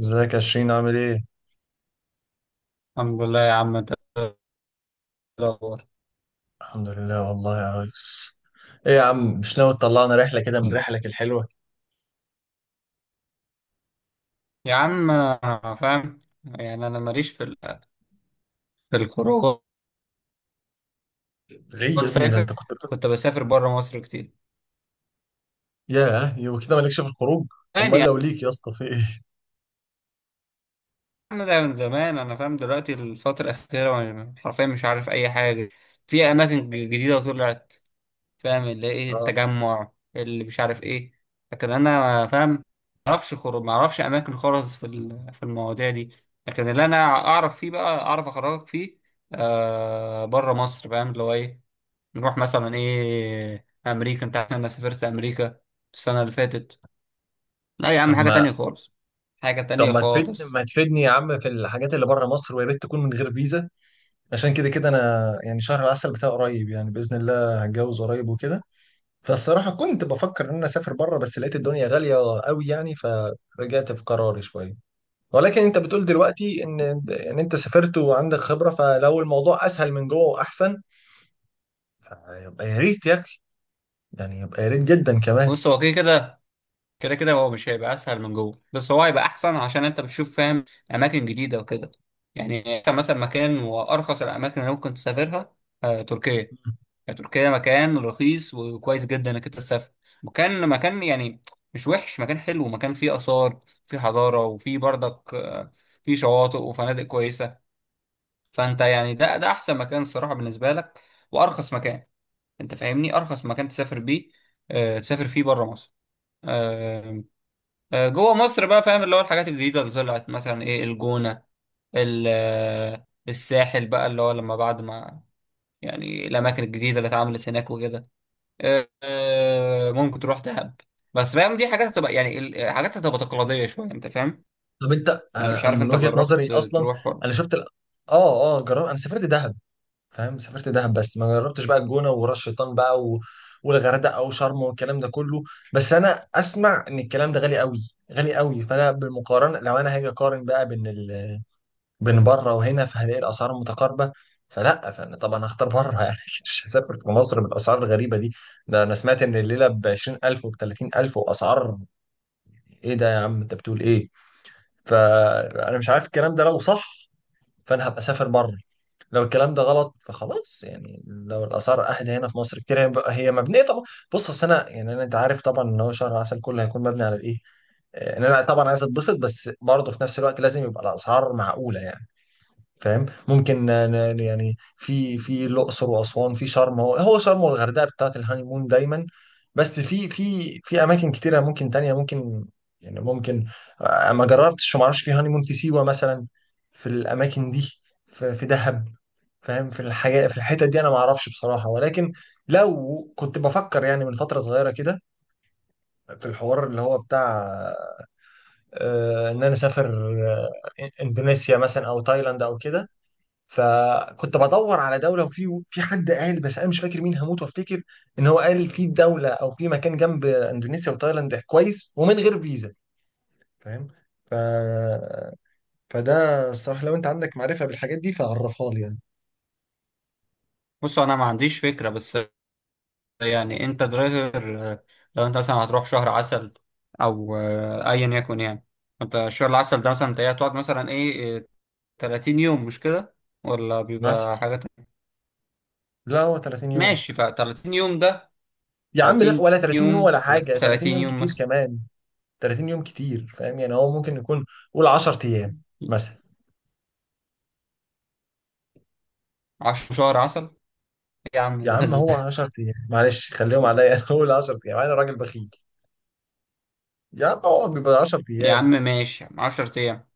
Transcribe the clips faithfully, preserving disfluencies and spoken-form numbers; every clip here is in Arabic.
ازيك يا شيرين، عامل ايه؟ الحمد لله يا عم انت ايه الاخبار. الحمد لله والله يا ريس. ايه يا عم، مش ناوي تطلعنا رحلة كده من رحلك الحلوة؟ يا عم آه، فاهم. يعني انا ماليش في ال- في الخروجات. ليه يا ابني؟ ده فاهم، انت كنت بتقول. كنت بسافر بره مصر كتير. ياه، يبقى كده مالكش في الخروج؟ يعني امال يا لو ليك يا اسطى في ايه؟ عم ده من زمان، انا فاهم دلوقتي الفتره الاخيره وانا حرفيا مش عارف اي حاجه. في اماكن ج- جديده طلعت. فاهم اللي ايه، اه. التجمع اللي مش عارف ايه. لكن انا فاهم، ما اعرفش خروج، ما اعرفش اماكن خالص في ال- في المواضيع دي. لكن اللي انا اعرف فيه بقى اعرف اخرجك فيه. آه بره مصر، فاهم اللي هو ايه، نروح مثلا ايه امريكا. انت عارف إن انا سافرت امريكا السنه اللي فاتت. لا يا عم، طب حاجه ما تانية خالص، حاجه طب تانية ما تفيدني خالص. ما تفيدني يا عم في الحاجات اللي بره مصر، ويا ريت تكون من غير فيزا، عشان كده كده انا، يعني شهر العسل بتاعي قريب، يعني باذن الله هتجوز قريب وكده. فالصراحة كنت بفكر ان انا اسافر بره، بس لقيت الدنيا غالية قوي يعني، فرجعت في قراري شوية. ولكن انت بتقول دلوقتي ان ان انت سافرت وعندك خبرة، فلو الموضوع اسهل من جوه واحسن، فيبقى يا ريت يا اخي، يعني يبقى يا ريت جدا كمان. بص، هو كده كده، كده كده هو مش هيبقى اسهل من جوه، بس هو هيبقى احسن عشان انت بتشوف فاهم اماكن جديده وكده. يعني انت مثلا مكان، وارخص الاماكن اللي ممكن تسافرها، آه، تركيا. يعني تركيا مكان رخيص وكويس جدا انك انت تسافر. مكان مكان يعني مش وحش، مكان حلو، مكان فيه اثار، فيه حضاره، وفيه برضك آه، فيه شواطئ وفنادق كويسه. فانت يعني ده ده احسن مكان الصراحه بالنسبه لك، وارخص مكان. انت فاهمني، ارخص مكان تسافر بيه، آه تسافر فيه بره مصر. آه. آه جوه مصر بقى، فاهم اللي هو الحاجات الجديده اللي طلعت مثلا، ايه الجونه، ال- آه، الساحل بقى، اللي هو لما بعد ما، يعني الاماكن الجديده اللي اتعملت هناك وكده. آه، آه، ممكن تروح دهب. بس فاهم، دي حاجات هتبقى يعني ال- حاجات هتبقى تقليديه شويه، انت فاهم. طب انت، يعني مش انا أنا عارف من انت وجهة نظري جربت اصلا. تروح ولا. انا شفت ال... اه اه، جرب. انا سافرت دهب، فاهم؟ سافرت دهب، بس ما جربتش بقى الجونة وراس شيطان بقى و... والغردقة او شرم والكلام ده كله. بس انا اسمع ان الكلام ده غالي قوي غالي قوي، فانا بالمقارنة لو انا هاجي اقارن بقى بين ال... بين بره وهنا، فهلاقي الاسعار متقاربه. فلا فانا طبعا هختار بره يعني أكيد. مش هسافر في مصر بالاسعار الغريبه دي. ده انا سمعت ان الليله ب عشرين الف وب تلاتين الف واسعار. ايه ده يا عم، انت بتقول ايه؟ فانا مش عارف الكلام ده لو صح، فانا هبقى اسافر بره. لو الكلام ده غلط فخلاص، يعني لو الاسعار اهدى هنا في مصر كتير، هيبقى هي مبنيه طبعا. بص، اصل انا يعني أنا- انت عارف طبعا ان هو شهر عسل كله هيكون مبني على الايه. ان انا طبعا عايز اتبسط، بس برضه في نفس الوقت لازم يبقى الاسعار معقوله يعني، فاهم؟ ممكن ن- ن- يعني في في الاقصر واسوان، في شرم هو هو شرم والغردقه بتاعت الهانيمون دايما. بس في في في اماكن كتيره ممكن تانية، ممكن، يعني ممكن. آه، ما جربتش وما اعرفش في هانيمون في سيوه مثلا، في الاماكن دي، في, في دهب، فاهم؟ في الحاجات في الحتت دي انا ما اعرفش بصراحه، ولكن لو كنت بفكر يعني من فتره صغيره كده في الحوار اللي هو بتاع، آه، ان انا اسافر، آه، اندونيسيا مثلا او تايلاند او كده. فكنت بدور على دوله، وفي في حد قال، بس انا مش فاكر مين، هموت وافتكر ان هو قال في دوله او في مكان جنب اندونيسيا وتايلاند كويس ومن غير فيزا، فاهم؟ ف... فده الصراحه لو انت عندك معرفه بالحاجات دي فعرفها لي يعني. بص انا ما عنديش فكره، بس يعني انت درايفر. آه، لو انت مثلا هتروح شهر عسل، او آه، ايا يكن يعني، انت شهر العسل ده مثلا انت ايه هتقعد، مثلا ايه آه، تلاتين يوم مش كده؟ ولا مثلا، بيبقى حاجة تانية. لا، هو تلاتين يوم. ماشي، ف تلاتين يوم ده. يا عم لا، تلاتين ولا تلاتين يوم يوم؟ ولا انا حاجه، تلاتين تلاتين يوم يوم كتير مثلا؟ كمان. تلاتين يوم كتير، فاهم؟ يعني هو ممكن يكون، قول عشر ايام مثلا. عشرة شهر عسل إيه يا عم يا ده عم هو ده- عشرة ايام، معلش خليهم عليا انا قول عشر ايام، انا راجل بخيل. يا عم هو بيبقى عشر يا ايام. عم ماشي عشر ايام.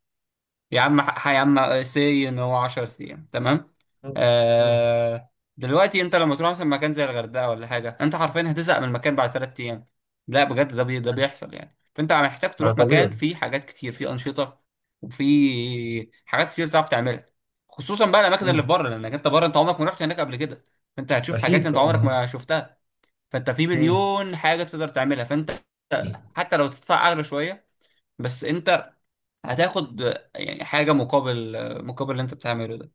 يا عم ح- يا عم سي، ان هو عشر ايام تمام. مم. مم. آه. دلوقتي انت لما تروح مثلا مكان زي الغردقه ولا حاجه، انت حرفيا هتزهق من المكان بعد تلات ايام. لا بجد، ده بي ده ماشي، بيحصل يعني. فانت محتاج ما تروح مكان طبيعي. فيه حاجات كتير، فيه انشطه، وفيه حاجات كتير تعرف تعملها. خصوصا بقى الاماكن اللي مم. في بره، لانك انت بره انت عمرك ما رحت هناك قبل كده. فانت هتشوف حاجات اكيد انت عمرك طبعا. ما شفتها. فانت في مم. مليون حاجه تقدر تعملها. فانت حتى لو تدفع اغلى شويه، بس انت هتاخد يعني حاجة مقابل، مقابل اللي انت بتعمله ده.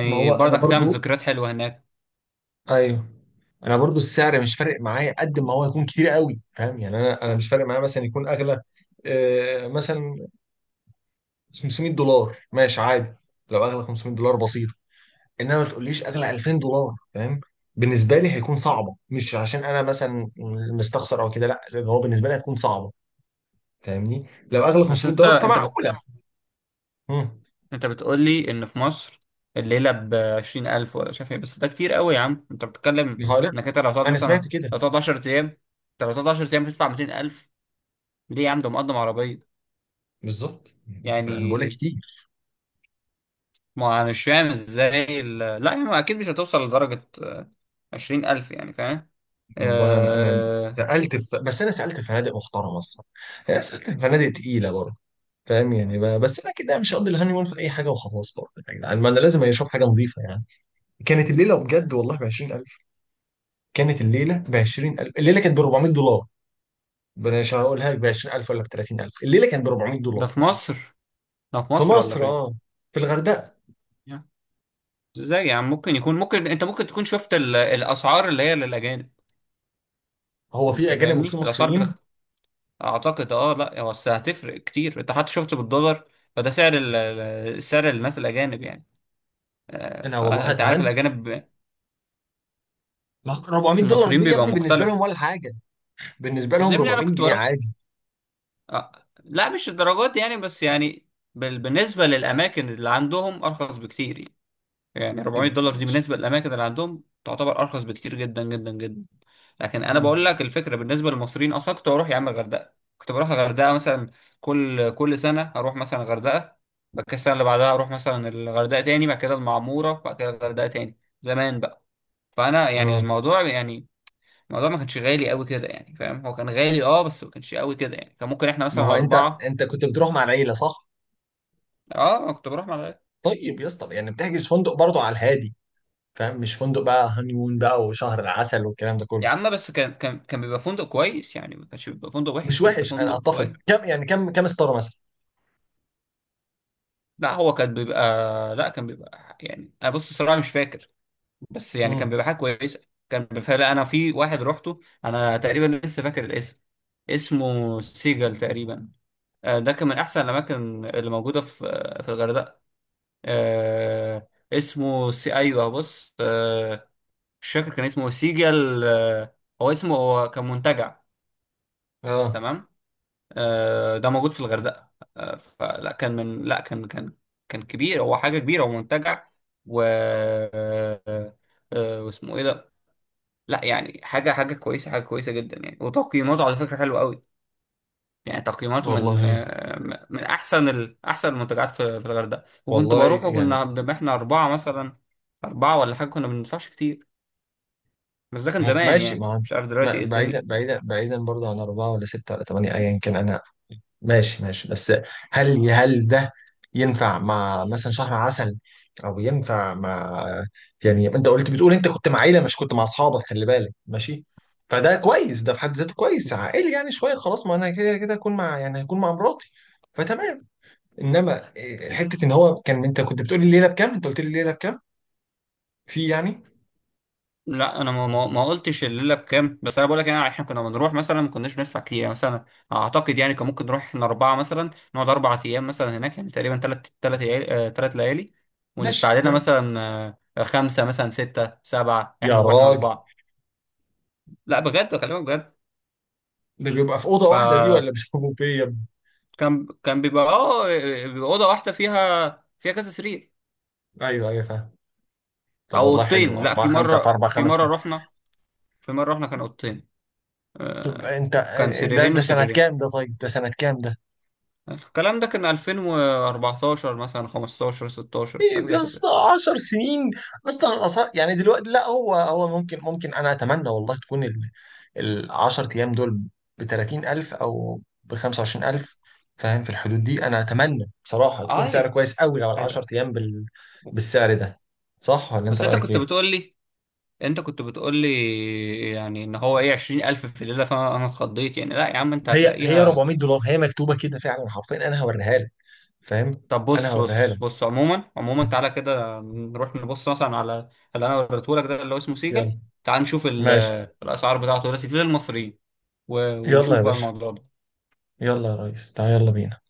ما هو انا برضك هتعمل برضو، ذكريات حلوة هناك. ايوه، انا برضو السعر مش فارق معايا قد ما هو يكون كتير قوي، فاهم يعني؟ انا انا مش فارق معايا مثلا يكون اغلى، آه مثلا خمسمية دولار، ماشي عادي. لو اغلى خمسمية دولار، بسيط. انما ما تقوليش اغلى الفين دولار، فاهم؟ بالنسبه لي هيكون صعبه، مش عشان انا مثلا مستخسر او كده، لا، لأن هو بالنسبه لي هتكون صعبه، فاهمني؟ لو اغلى بس 500 انت دولار انت بت... فمعقوله. امم انت بتقول لي ان في مصر الليلة بعشرين ألف ولا شايف ايه؟ بس ده كتير قوي يا عم انت بتتكلم. هقول لك، انك انت لو هتقعد انا مثلا، سمعت كده. لو هتقعد عشر ايام، انت لو هتقعد عشر ايام بتدفع ميتين ألف؟ ليه يا عم، ده مقدم عربية بالظبط يعني، انا ف- بقول يعني. لك كتير. ما انا مش فاهم ازاي ال... لا يا عم اكيد مش هتوصل لدرجة عشرين ألف، يعني فاهم. والله انا انا آه، سالت في، بس انا سالت في فنادق محترمه الصراحه، يعني سالت في فنادق تقيله برضه، فاهم يعني؟ ب- بس انا كده مش هقضي الهاني مون في اي حاجه وخلاص. برضه يا جدعان، ما انا لازم اشوف حاجه نظيفه يعني. كانت الليله بجد والله ب عشرين الف. كانت الليله ب عشرين الف، الليله كانت ب اربعمئة دولار. مش هقولها لك ب عشرين الف ولا ب تلاتين الف، الليله كانت ب 400 ده دولار في مصر، ده في في مصر ولا مصر، فين؟ اه، في الغردقه. ازاي يعني؟ ممكن يكون، ممكن انت ممكن تكون شفت ال... الاسعار اللي هي للاجانب. هو في انت اجانب فاهمني وفي الاسعار مصريين. بتخت... اعتقد اه. لا هو بس هتفرق كتير، انت حتى شفته بالدولار. فده سعر ال... ال- سعر الناس الاجانب يعني. آه، انا والله فانت عارف اتمنى، الاجانب، ما اربعمية دولار المصريين دي يا بيبقى ابني بالنسبه لهم مختلف. ولا حاجه. بالنسبه اصل لهم يا ابني انا 400 كنت جنيه بروح. عادي. آه. لا مش الدرجات دي يعني، بس يعني بال... بالنسبة للاماكن اللي عندهم ارخص بكتير يعني. يعني 400 يبقى- دولار دي كلاش. بالنسبة للأماكن اللي عندهم تعتبر أرخص بكتير جدا جدا جدا. لكن أنا مم. بقول لك الفكرة بالنسبة للمصريين، أصلا كنت بروح يا عم الغردقة، كنت بروح الغردقة مثلا. كل كل سنة أروح مثلا الغردقة. بعد كده السنة اللي بعدها أروح مثلا الغردقة تاني، بعد كده المعمورة، بعد كده الغردقة تاني زمان بقى. فأنا يعني اه. الموضوع يعني، الموضوع ما كانش غالي قوي كده يعني، فاهم هو كان غالي اه بس ما كانش قوي كده يعني. كان ممكن احنا ما هو مثلا انت أربعة. انت كنت بتروح مع العيله صح؟ اه أنا كنت بروح مع الغردقة. طيب يا اسطى، يعني بتحجز فندق برضه على الهادي، فاهم؟ مش فندق بقى هانيمون بقى وشهر العسل والكلام ده كله. يا عم بس كان كان كان بيبقى فندق كويس يعني، ما كانش بيبقى فندق مش وحش، كان بيبقى وحش، انا فندق اتفق. كويس. كم يعني؟ كم كم ستاره مثلا؟ لا هو كان بيبقى، لا كان بيبقى يعني انا، بص الصراحه مش فاكر، بس يعني كان امم بيبقى حاجه كويسه. كان فعلا، انا في واحد روحته انا تقريبا لسه فاكر الاسم، اسمه سيجل تقريبا. آه، ده كان من احسن الاماكن اللي موجوده في في الغردقه. آه، اسمه سي ايوه، بص، آه، مش فاكر كان اسمه سيجل. آه، هو اسمه، هو كان منتجع، اه. تمام. آه، ده موجود في الغردقة. آه، فلا كان من لا كان كان كان كبير، هو حاجة كبيرة ومنتجع و آه، آه، واسمه ايه ده. لا يعني حاجة، حاجة كويسة، حاجة كويسة جدا يعني، وتقييماته على فكرة حلوة قوي. يعني تقييماته من والله، آه، من احسن ال... احسن المنتجعات في في الغردقة، وكنت والله بروح يعني وكنا بنبقى احنا أربعة مثلا، أربعة ولا حاجة، كنا ما بندفعش كتير. بس ده كان زمان ماشي، يعني، ما مش عارف دلوقتي ما- ايه بعيدا الدنيا. بعيدا بعيدا برضه عن اربعه ولا سته ولا ثمانيه ايا كان. انا ماشي ماشي، بس هل هل ده ينفع مع مثلا شهر عسل، او ينفع مع؟ يعني انت قلت، بتقول انت كنت مع عيله مش كنت مع اصحابك، خلي بالك ماشي. فده كويس، ده في حد ذاته كويس عائلي يعني شويه خلاص. ما انا كده كده هكون مع، يعني هكون مع مراتي، فتمام. انما إيه، حته ان هو كان، انت كنت بتقول لي الليله بكام، انت قلت لي الليله بكام، في يعني. لا انا ما ما ما قلتش الليله بكام. بس انا بقول لك يعني احنا كنا بنروح مثلا، ما كناش ندفع كتير يعني مثلا. اعتقد يعني كان ممكن نروح احنا اربعه مثلا، نقعد اربع ايام مثلا هناك، يعني تقريبا ثلاث ثلاث ليالي ثلاث ليالي، وندفع ماشي. لنا مم. مثلا آه، خمسه مثلا، سته، سبعه، يا احنا واحنا راجل، اربعه. لا بجد بكلمك بجد. ده بيبقى في اوضه واحده دي، فكان، ولا بيبقوا بيه يا ابني؟ كان كان بيبقى اه، بيبقى اوضه واحده فيها، فيها كذا سرير. ايوه ايوه، فاهم. طب او والله حلو، اوضتين، لا أربعة في خمسة في مره أربعة في خمس. مره رحنا في مره رحنا كان اوضتين. طب آه، انت، كان ده سريرين ده سنة كام وسريرين. ده طيب ده سنة كام ده؟ الكلام ده كان الفين واربعتاشر مثلا، خمستاشر، ستاشر، ايه حاجة زي يا اسطى، كده. عشر سنين. اصلا الاسعار يعني دلوقتي، لا، هو هو ممكن ممكن انا اتمنى والله تكون ال، ال عشر ايام دول ب تلاتين الف او ب خمسة وعشرين الف، فاهم؟ في الحدود دي انا اتمنى بصراحة تكون سعر اه كويس قوي لو ال عشر هيبقى. ايام بال بالسعر ده. صح ولا انت بس انت رأيك كنت ايه؟ بتقول لي، انت كنت بتقول لي يعني ان هو ايه عشرين الف في الليلة، فانا انا اتخضيت يعني. لا يا عم انت هي هي هتلاقيها. اربعمئة دولار. هي مكتوبة كده فعلا حرفيا، انا هوريها لك، فاهم؟ طب انا بص هوريها بص لك. بص عموما، عموما تعالى كده نروح نبص مثلا على اللي انا وريته لك ده اللي هو اسمه سيجل. يلا تعال نشوف ال- ماشي. الاسعار بتاعته دلوقتي للمصريين، و- يلا ونشوف يا بقى باشا، الموضوع ده. يلا يا ريس تعال يلا بينا.